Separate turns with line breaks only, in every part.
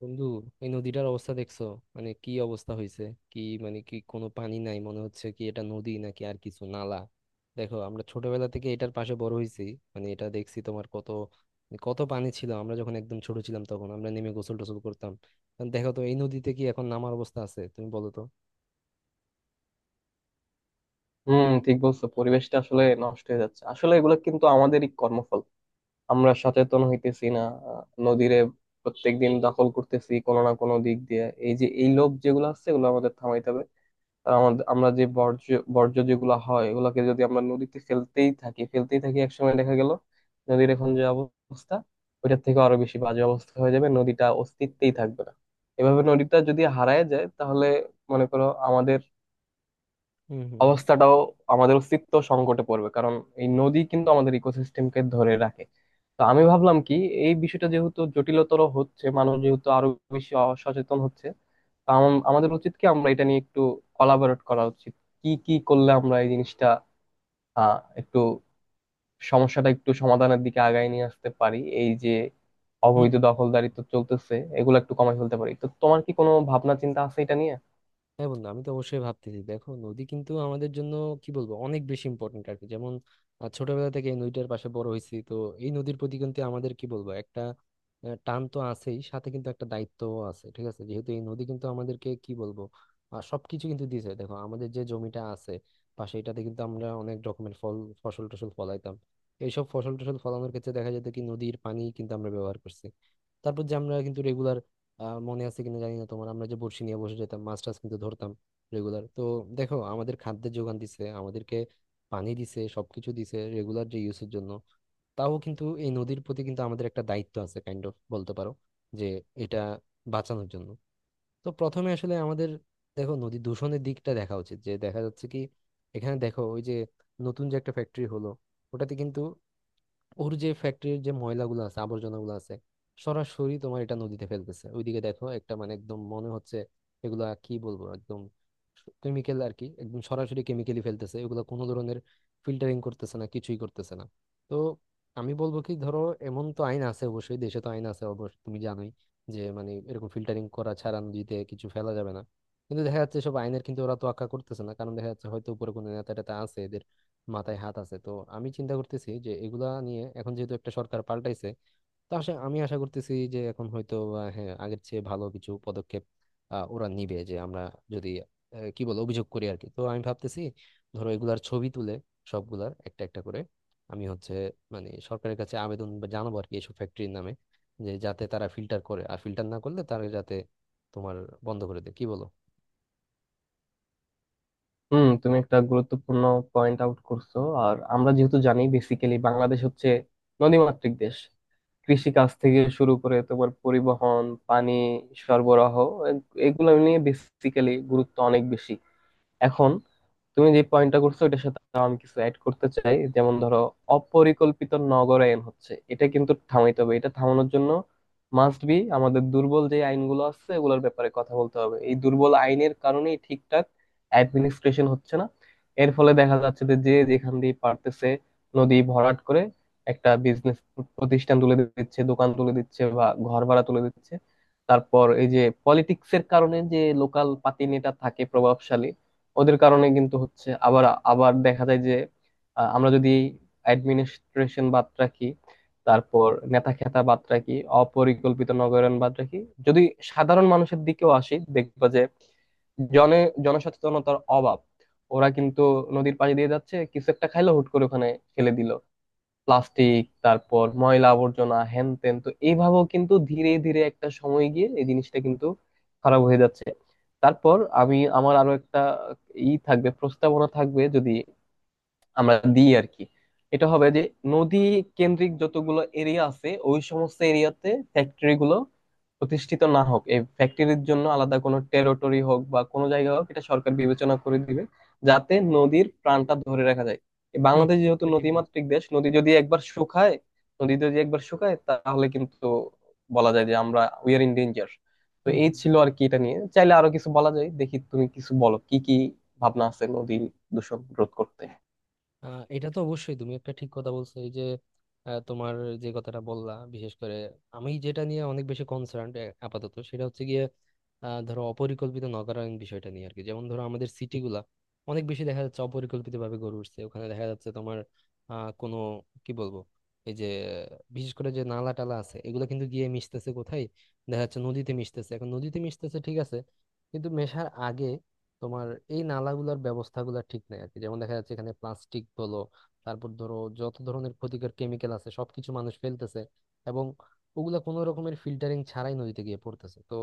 বন্ধু, এই নদীটার অবস্থা দেখছো? মানে কি অবস্থা হয়েছে! কি মানে, কি কোনো পানি নাই? মনে হচ্ছে কি এটা নদী নাকি আর কিছু, নালা? দেখো, আমরা ছোটবেলা থেকে এটার পাশে বড় হয়েছি। মানে এটা দেখছি তোমার, কত কত পানি ছিল। আমরা যখন একদম ছোট ছিলাম তখন আমরা নেমে গোসল টোসল করতাম। এখন দেখো তো, এই নদীতে কি এখন নামার অবস্থা আছে? তুমি বলো তো।
হুম, ঠিক বলছো। পরিবেশটা আসলে নষ্ট হয়ে যাচ্ছে, আসলে এগুলো কিন্তু আমাদেরই কর্মফল। আমরা সচেতন হইতেছি না। আহ, নদীরে প্রত্যেকদিন দখল করতেছি কোনো না কোনো দিক দিয়ে। এই যে এই লোভ যেগুলো আছে, এগুলো আমাদের থামাইতে হবে। আর আমাদের আমরা যে বর্জ্য, বর্জ্য যেগুলো হয় এগুলোকে যদি আমরা নদীতে ফেলতেই থাকি, একসময় দেখা গেল নদীর এখন যে অবস্থা ওইটার থেকে আরো বেশি বাজে অবস্থা হয়ে যাবে, নদীটা অস্তিত্বেই থাকবে না। এভাবে নদীটা যদি হারায় যায়, তাহলে মনে করো আমাদের
হুম হুম হুম
অবস্থাটাও, আমাদের অস্তিত্ব সংকটে পড়বে। কারণ এই নদী কিন্তু আমাদের ইকোসিস্টেমকে ধরে রাখে। তো আমি ভাবলাম কি, এই বিষয়টা যেহেতু জটিলতর হচ্ছে, মানুষ যেহেতু আরো বেশি সচেতন হচ্ছে, তো আমাদের উচিত কি আমরা এটা নিয়ে একটু কলাবরেট করা উচিত। কি কি করলে আমরা এই জিনিসটা একটু, সমস্যাটা একটু সমাধানের দিকে আগায় নিয়ে আসতে পারি। এই যে
হুম
অবৈধ
হুম।
দখলদারিত্ব চলতেছে, এগুলো একটু কমায় ফেলতে পারি। তো তোমার কি কোনো ভাবনা চিন্তা আছে এটা নিয়ে?
হ্যাঁ বন্ধু, আমি তো অবশ্যই ভাবতেছি। দেখো, নদী কিন্তু আমাদের জন্য কি বলবো, অনেক বেশি ইম্পর্টেন্ট আর কি। যেমন, ছোটবেলা থেকে এই নদীটার পাশে বড় হয়েছি তো, এই নদীর প্রতি কিন্তু আমাদের কি বলবো একটা টান তো আছেই, সাথে কিন্তু একটা দায়িত্বও আছে। ঠিক আছে, যেহেতু এই নদী কিন্তু আমাদেরকে কি বলবো, সবকিছু কিন্তু দিয়েছে। দেখো, আমাদের যে জমিটা আছে পাশে, এটাতে কিন্তু আমরা অনেক রকমের ফল ফসল টসল ফলাইতাম। এইসব ফসল টসল ফলানোর ক্ষেত্রে দেখা যেত কি, নদীর পানি কিন্তু আমরা ব্যবহার করছি। তারপর যে আমরা কিন্তু রেগুলার মনে আছে কিনা জানি না তোমার, আমরা যে বড়শি নিয়ে বসে যেতাম, মাছ টাছ কিন্তু ধরতাম রেগুলার তো। দেখো, আমাদের খাদ্যের যোগান দিছে, আমাদেরকে পানি দিছে, সবকিছু দিছে রেগুলার যে ইউজের জন্য। তাও কিন্তু এই নদীর প্রতি কিন্তু আমাদের একটা দায়িত্ব আছে, কাইন্ড অফ বলতে পারো, যে এটা বাঁচানোর জন্য। তো প্রথমে আসলে আমাদের দেখো নদী দূষণের দিকটা দেখা উচিত। যে দেখা যাচ্ছে কি, এখানে দেখো ওই যে নতুন যে একটা ফ্যাক্টরি হলো, ওটাতে কিন্তু, ওর যে ফ্যাক্টরির যে ময়লাগুলো আছে আবর্জনাগুলো আছে, সরাসরি তোমার এটা নদীতে ফেলতেছে। ওইদিকে দেখো একটা, মানে একদম মনে হচ্ছে এগুলা কি বলবো একদম কেমিক্যাল আর কি, একদম সরাসরি কেমিক্যালি ফেলতেছে। এগুলো কোনো ধরনের ফিল্টারিং করতেছে না, কিছুই করতেছে না। তো আমি বলবো কি, ধরো এমন তো আইন আছে অবশ্যই, দেশে তো আইন আছে অবশ্যই, তুমি জানোই যে, মানে এরকম ফিল্টারিং করা ছাড়া নদীতে কিছু ফেলা যাবে না। কিন্তু দেখা যাচ্ছে সব আইনের কিন্তু ওরা তোয়াক্কা করতেছে না। কারণ দেখা যাচ্ছে হয়তো উপরে কোনো নেতা টেতা আছে, মাথায় হাত আছে তো। আমি চিন্তা করতেছি যে এগুলা নিয়ে, এখন যেহেতু একটা সরকার পাল্টাইছে, তো আসে আমি আশা করতেছি যে এখন হয়তো হ্যাঁ, আগের চেয়ে ভালো কিছু পদক্ষেপ ওরা নিবে। যে আমরা যদি কি বল, অভিযোগ করি আর কি। তো আমি ভাবতেছি, ধরো এগুলার ছবি তুলে সবগুলার একটা একটা করে, আমি হচ্ছে মানে সরকারের কাছে আবেদন বা জানাবো আর কি, এসব ফ্যাক্টরির নামে। যে যাতে তারা ফিল্টার করে, আর ফিল্টার না করলে তারা যাতে তোমার বন্ধ করে দেয়। কি বলো?
হুম, তুমি একটা গুরুত্বপূর্ণ পয়েন্ট আউট করছো। আর আমরা যেহেতু জানি, বেসিক্যালি বাংলাদেশ হচ্ছে নদীমাতৃক দেশ। কৃষিকাজ থেকে শুরু করে তোমার পরিবহন, পানি সরবরাহ, এ- এগুলো নিয়ে বেসিক্যালি গুরুত্ব অনেক বেশি। এখন তুমি যে পয়েন্টটা করছো এটার সাথে আরো আমি কিছু অ্যাড করতে চাই। যেমন ধরো, অপরিকল্পিত নগরায়ন হচ্ছে, এটা কিন্তু থামাইতে হবে। এটা থামানোর জন্য মাস্ট বি আমাদের দুর্বল যে আইনগুলো আছে এগুলোর ব্যাপারে কথা বলতে হবে। এই দুর্বল আইনের কারণেই ঠিকঠাক অ্যাডমিনিস্ট্রেশন হচ্ছে না। এর ফলে দেখা যাচ্ছে যে যে যেখান দিয়ে পারতেছে নদী ভরাট করে একটা বিজনেস প্রতিষ্ঠান তুলে দিচ্ছে, দোকান তুলে দিচ্ছে, বা ঘর ভাড়া তুলে দিচ্ছে। তারপর এই যে পলিটিক্সের কারণে যে লোকাল পাতি নেতা থাকে প্রভাবশালী, ওদের কারণে কিন্তু হচ্ছে। আবার আবার দেখা যায় যে, আমরা যদি অ্যাডমিনিস্ট্রেশন বাদ রাখি, তারপর নেতা খেতা বাদ রাখি, অপরিকল্পিত নগরায়ন বাদ রাখি, যদি সাধারণ মানুষের দিকেও আসি, দেখবা যে জনে জনসচেতনতার অভাব। ওরা কিন্তু নদীর পাড়ে দিয়ে যাচ্ছে, কিছু একটা খাইলো, হুট করে ওখানে ফেলে দিল প্লাস্টিক, তারপর ময়লা আবর্জনা, হ্যান ত্যান। তো এইভাবেও কিন্তু ধীরে ধীরে একটা সময় গিয়ে এই জিনিসটা কিন্তু খারাপ হয়ে যাচ্ছে। তারপর আমি আমার আরো একটা ই থাকবে প্রস্তাবনা থাকবে, যদি আমরা দিই আর কি। এটা হবে যে নদী কেন্দ্রিক যতগুলো এরিয়া আছে, ওই সমস্ত এরিয়াতে ফ্যাক্টরি গুলো প্রতিষ্ঠিত না হোক। এই ফ্যাক্টরির জন্য আলাদা কোনো টেরিটরি হোক বা কোনো জায়গা হোক, এটা সরকার বিবেচনা করে দিবে, যাতে নদীর প্রাণটা ধরে রাখা যায়। এই
হুম,
বাংলাদেশ যেহেতু
এটা ঠিক বলছো।
নদীমাতৃক দেশ, নদী যদি একবার শুকায়, তাহলে কিন্তু বলা যায় যে আমরা উই আর ইন ডেঞ্জার। তো
হুম
এই
হুম।
ছিল আর কি, এটা নিয়ে চাইলে আরো কিছু বলা যায়। দেখি তুমি কিছু বলো কি কি ভাবনা আছে নদী দূষণ রোধ করতে।
এটা তো অবশ্যই, তুমি একটা ঠিক কথা বলছো। এই যে তোমার যে কথাটা বললা, বিশেষ করে আমি যেটা নিয়ে অনেক বেশি কনসার্ন আপাতত, সেটা হচ্ছে গিয়ে ধরো অপরিকল্পিত নগরায়ণ বিষয়টা নিয়ে আর কি। যেমন ধরো, আমাদের সিটিগুলা অনেক বেশি দেখা যাচ্ছে অপরিকল্পিত ভাবে গড়ে উঠছে। ওখানে দেখা যাচ্ছে তোমার কোনো কি বলবো এই যে, বিশেষ করে যে নালা টালা আছে, এগুলো কিন্তু গিয়ে মিশতেছে কোথায়? দেখা যাচ্ছে নদীতে মিশতেছে। এখন নদীতে মিশতেছে ঠিক আছে, কিন্তু মেশার আগে তোমার এই নালাগুলোর ব্যবস্থাগুলো ঠিক নাই আর কি। যেমন দেখা যাচ্ছে এখানে প্লাস্টিক বলো, তারপর ধরো যত ধরনের ক্ষতিকর কেমিক্যাল আছে সবকিছু মানুষ ফেলতেছে, এবং ওগুলা কোনো রকমের ফিল্টারিং ছাড়াই নদীতে গিয়ে পড়তেছে। তো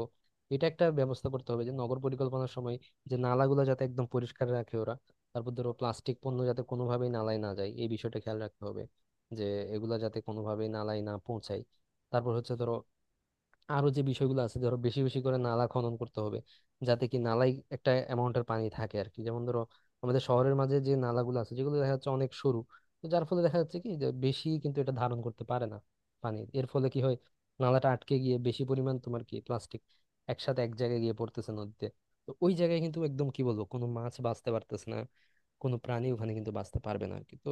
এটা একটা ব্যবস্থা করতে হবে, যে নগর পরিকল্পনার সময় যে নালাগুলো, যাতে একদম পরিষ্কার রাখে ওরা। তারপর ধরো প্লাস্টিক পণ্য যাতে কোনোভাবেই নালায় না যায়, এই বিষয়টা খেয়াল রাখতে হবে, যে এগুলা যাতে কোনোভাবেই নালায় না পৌঁছায়। তারপর হচ্ছে ধরো আরো যে বিষয়গুলো আছে, ধরো বেশি বেশি করে নালা খনন করতে হবে, যাতে কি নালায় একটা অ্যামাউন্টের পানি থাকে আর কি। যেমন ধরো আমাদের শহরের মাঝে যে নালাগুলো আছে, যেগুলো দেখা যাচ্ছে অনেক সরু, তো যার ফলে দেখা যাচ্ছে কি, যে বেশি কিন্তু এটা ধারণ করতে পারে না পানি। এর ফলে কি হয়, নালাটা আটকে গিয়ে বেশি পরিমাণ তোমার কি প্লাস্টিক একসাথে এক জায়গায় গিয়ে পড়তেছে নদীতে। তো ওই জায়গায় কিন্তু একদম কি বলবো, কোনো মাছ বাঁচতে পারতেছে না, কোনো প্রাণী ওখানে কিন্তু বাঁচতে পারবে না আর কি। তো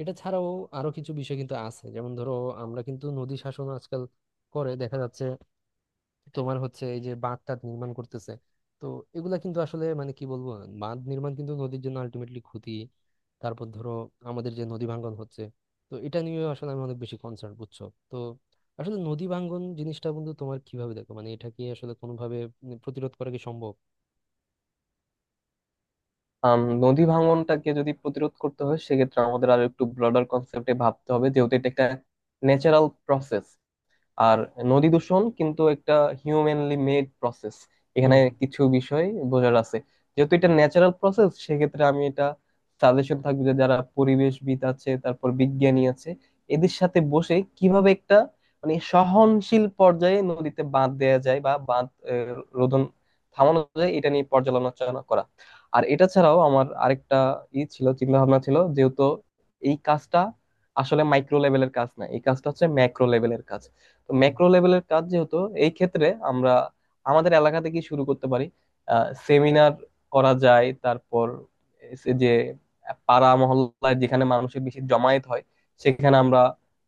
এটা ছাড়াও আরো কিছু বিষয় কিন্তু আছে। যেমন ধরো আমরা কিন্তু নদী শাসন আজকাল করে, দেখা যাচ্ছে তোমার হচ্ছে এই যে বাঁধ টাধ নির্মাণ করতেছে। তো এগুলা কিন্তু আসলে মানে কি বলবো, বাঁধ নির্মাণ কিন্তু নদীর জন্য আলটিমেটলি ক্ষতি। তারপর ধরো আমাদের যে নদী ভাঙ্গন হচ্ছে, তো এটা নিয়ে আসলে আমি অনেক বেশি কনসার্ন বুঝছো। তো আসলে নদী ভাঙ্গন জিনিসটা বন্ধু তোমার কিভাবে দেখো? মানে এটা কি আসলে কোনোভাবে প্রতিরোধ করা কি সম্ভব?
নদী ভাঙনটাকে যদি প্রতিরোধ করতে হয়, সেক্ষেত্রে আমাদের আরো একটু ব্রডার কনসেপ্টে ভাবতে হবে, যেহেতু এটা একটা ন্যাচারাল প্রসেস। আর নদী দূষণ কিন্তু একটা হিউম্যানলি মেড প্রসেস। এখানে
হুম
কিছু বিষয় বোঝার আছে। যেহেতু এটা ন্যাচারাল প্রসেস, সেক্ষেত্রে আমি এটা সাজেশন থাকবে যে যারা পরিবেশবিদ আছে, তারপর বিজ্ঞানী আছে, এদের সাথে বসে কিভাবে একটা মানে সহনশীল পর্যায়ে নদীতে বাঁধ দেয়া যায়, বা বাঁধ আহ, রোধন, থামানো যায়, এটা নিয়ে পর্যালোচনা করা। আর এটা ছাড়াও আমার আরেকটা ই ছিল চিন্তা ভাবনা ছিল। যেহেতু এই কাজটা আসলে মাইক্রো লেভেলের কাজ না, এই কাজটা হচ্ছে ম্যাক্রো লেভেলের কাজ। তো
হুম
ম্যাক্রো লেভেলের কাজ যেহেতু, এই ক্ষেত্রে আমরা আমাদের এলাকা থেকে শুরু করতে পারি। সেমিনার করা যায়। তারপর এসে যে পাড়া মহল্লায় যেখানে মানুষের বেশি জমায়েত হয়, সেখানে আমরা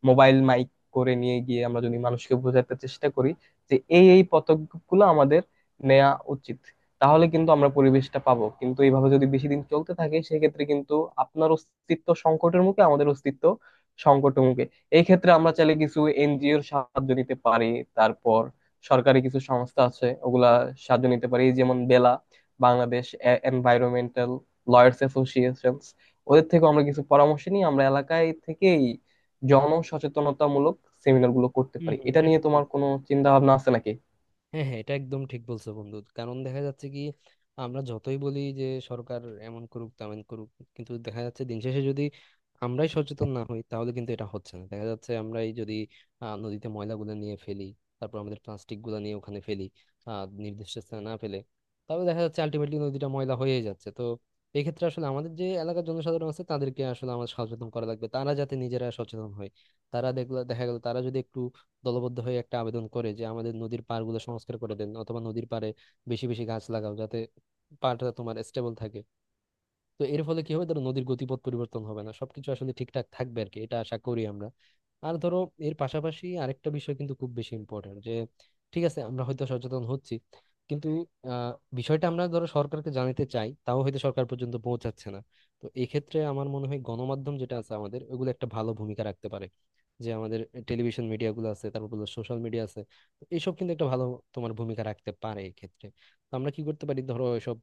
মোবাইল মাইক করে নিয়ে গিয়ে আমরা যদি মানুষকে বোঝাতে চেষ্টা করি যে এই এই পদক্ষেপগুলো আমাদের নেওয়া উচিত, তাহলে কিন্তু আমরা পরিবেশটা পাবো। কিন্তু এইভাবে যদি বেশি দিন চলতে থাকে, সেক্ষেত্রে কিন্তু আপনার অস্তিত্ব সংকটের মুখে আমাদের অস্তিত্ব সংকটের মুখে। এই ক্ষেত্রে আমরা চাইলে কিছু এনজিওর সাহায্য নিতে পারি। তারপর সরকারি কিছু সংস্থা আছে, ওগুলা সাহায্য নিতে পারি, যেমন BELA, Bangladesh Environmental Lawyers Association. ওদের থেকে আমরা কিছু পরামর্শ নিয়ে আমরা এলাকায় থেকেই জনসচেতনতামূলক সেমিনার গুলো করতে
হুম
পারি।
হুম,
এটা
এটা
নিয়ে
ঠিক।
তোমার কোনো চিন্তা ভাবনা আছে নাকি?
হ্যাঁ হ্যাঁ, এটা একদম ঠিক বলছো বন্ধু। কারণ দেখা যাচ্ছে কি, আমরা যতই বলি যে সরকার এমন করুক তেমন করুক, কিন্তু দেখা যাচ্ছে দিন শেষে যদি আমরাই সচেতন না হই, তাহলে কিন্তু এটা হচ্ছে না। দেখা যাচ্ছে আমরাই যদি নদীতে ময়লাগুলো নিয়ে ফেলি, তারপর আমাদের প্লাস্টিক গুলো নিয়ে ওখানে ফেলি, নির্দিষ্ট স্থানে না ফেলে, তাহলে দেখা যাচ্ছে আলটিমেটলি নদীটা ময়লা হয়ে যাচ্ছে। তো এই ক্ষেত্রে আসলে আমাদের যে এলাকার জনসাধারণ আছে, তাদেরকে আসলে আমাদের সচেতন করা লাগবে, তারা যাতে নিজেরা সচেতন হয়। তারা দেখলো, দেখা গেল তারা যদি একটু দলবদ্ধ হয়ে একটা আবেদন করে, যে আমাদের নদীর পাড়গুলো সংস্কার করে দেন, অথবা নদীর পাড়ে বেশি বেশি গাছ লাগাও, যাতে পাড়টা তোমার স্টেবল থাকে। তো এর ফলে কি হবে, ধরো নদীর গতিপথ পরিবর্তন হবে না, সবকিছু আসলে ঠিকঠাক থাকবে আর কি, এটা আশা করি আমরা। আর ধরো, এর পাশাপাশি আরেকটা বিষয় কিন্তু খুব বেশি ইম্পর্টেন্ট। যে ঠিক আছে, আমরা হয়তো সচেতন হচ্ছি, কিন্তু আহ বিষয়টা আমরা ধরো সরকারকে জানাতে চাই, তাও হয়তো সরকার পর্যন্ত পৌঁছাচ্ছে না। তো এক্ষেত্রে আমার মনে হয় গণমাধ্যম যেটা আছে আমাদের, ওগুলো একটা ভালো ভূমিকা রাখতে পারে। যে আমাদের টেলিভিশন মিডিয়া গুলো আছে, তারপর সোশ্যাল মিডিয়া আছে, তো এইসব কিন্তু একটা ভালো তোমার ভূমিকা রাখতে পারে এক্ষেত্রে। তো আমরা কি করতে পারি, ধরো এসব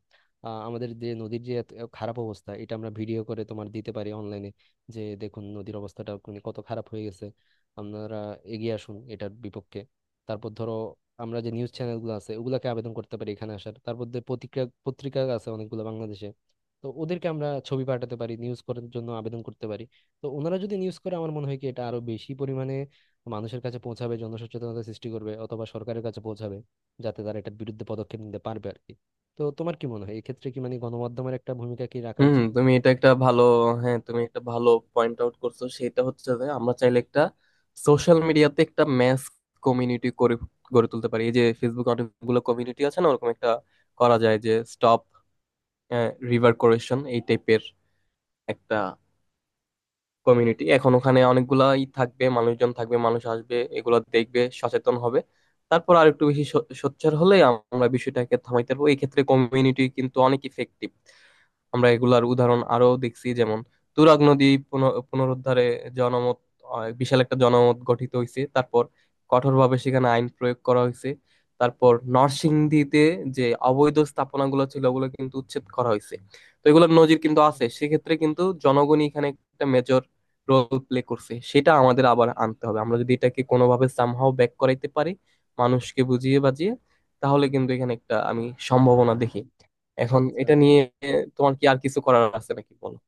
আমাদের যে নদীর যে এত খারাপ অবস্থা, এটা আমরা ভিডিও করে তোমার দিতে পারি অনলাইনে, যে দেখুন নদীর অবস্থাটা মানে কত খারাপ হয়ে গেছে, আপনারা এগিয়ে আসুন এটার বিপক্ষে। তারপর ধরো, আমরা যে নিউজ চ্যানেলগুলো আছে ওগুলাকে আবেদন করতে পারি এখানে আসার, তারপর যে পত্রিকা পত্রিকা আছে অনেকগুলো বাংলাদেশে, তো ওদেরকে আমরা ছবি পাঠাতে পারি, নিউজ করার জন্য আবেদন করতে পারি। তো ওনারা যদি নিউজ করে আমার মনে হয় কি এটা আরো বেশি পরিমাণে মানুষের কাছে পৌঁছাবে, জনসচেতনতা সৃষ্টি করবে, অথবা সরকারের কাছে পৌঁছাবে, যাতে তারা এটার বিরুদ্ধে পদক্ষেপ নিতে পারবে আর কি। তো তোমার কি মনে হয়, এক্ষেত্রে কি মানে গণমাধ্যমের একটা ভূমিকা কি রাখা
হুম,
উচিত?
তুমি এটা একটা ভালো হ্যাঁ, তুমি একটা ভালো পয়েন্ট আউট করছো। সেটা হচ্ছে যে আমরা চাইলে একটা সোশ্যাল মিডিয়াতে একটা ম্যাস কমিউনিটি করে গড়ে তুলতে পারি। এই যে ফেসবুক অনেকগুলো কমিউনিটি আছে না, ওরকম একটা করা যায়, যে স্টপ রিভার কোরেশন, এই টাইপের একটা কমিউনিটি। এখন ওখানে অনেকগুলাই থাকবে, মানুষজন থাকবে, মানুষ আসবে, এগুলো দেখবে, সচেতন হবে। তারপর আর একটু বেশি সোচ্চার হলে আমরা বিষয়টাকে থামাইতে পারবো। এই ক্ষেত্রে কমিউনিটি কিন্তু অনেক ইফেক্টিভ। আমরা এগুলার উদাহরণ আরো দেখছি, যেমন তুরাগ নদী পুনরুদ্ধারে জনমত, বিশাল একটা জনমত গঠিত হয়েছে। তারপর কঠোরভাবে সেখানে আইন প্রয়োগ করা হয়েছে। তারপর নরসিংদীতে যে অবৈধ স্থাপনাগুলো ছিল, ওগুলো কিন্তু উচ্ছেদ করা হয়েছে। তো এগুলোর নজির কিন্তু আছে। সেক্ষেত্রে কিন্তু জনগণই এখানে একটা মেজর রোল প্লে করছে। সেটা আমাদের আবার আনতে হবে। আমরা যদি এটাকে কোনোভাবে সামহাও ব্যাক করাইতে পারি, মানুষকে বুঝিয়ে বাজিয়ে, তাহলে কিন্তু এখানে একটা আমি সম্ভাবনা দেখি। এখন
আচ্ছা
এটা
আচ্ছা
নিয়ে তোমার কি আর কিছু করার আছে নাকি, বলো।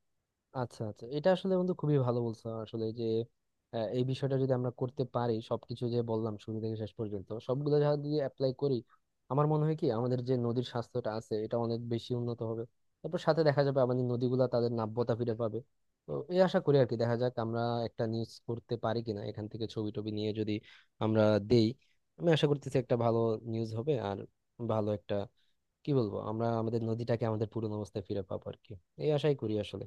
আচ্ছা আচ্ছা এটা আসলে বন্ধু খুবই ভালো বলছো আসলে। যে এই বিষয়টা যদি আমরা করতে পারি, সবকিছু যে বললাম শুরু থেকে শেষ পর্যন্ত সবগুলো যদি অ্যাপ্লাই করি, আমার মনে হয় কি আমাদের যে নদীর স্বাস্থ্যটা আছে এটা অনেক বেশি উন্নত হবে। তারপর সাথে দেখা যাবে আমাদের নদীগুলা তাদের নাব্যতা ফিরে পাবে। তো এই আশা করি আর কি। দেখা যাক আমরা একটা নিউজ করতে পারি কিনা, এখান থেকে ছবি টবি নিয়ে যদি আমরা দেই। আমি আশা করতেছি একটা ভালো নিউজ হবে, আর ভালো একটা কি বলবো, আমরা আমাদের নদীটাকে আমাদের পুরনো অবস্থায় ফিরে পাবো আর কি। এই আশাই করি আসলে।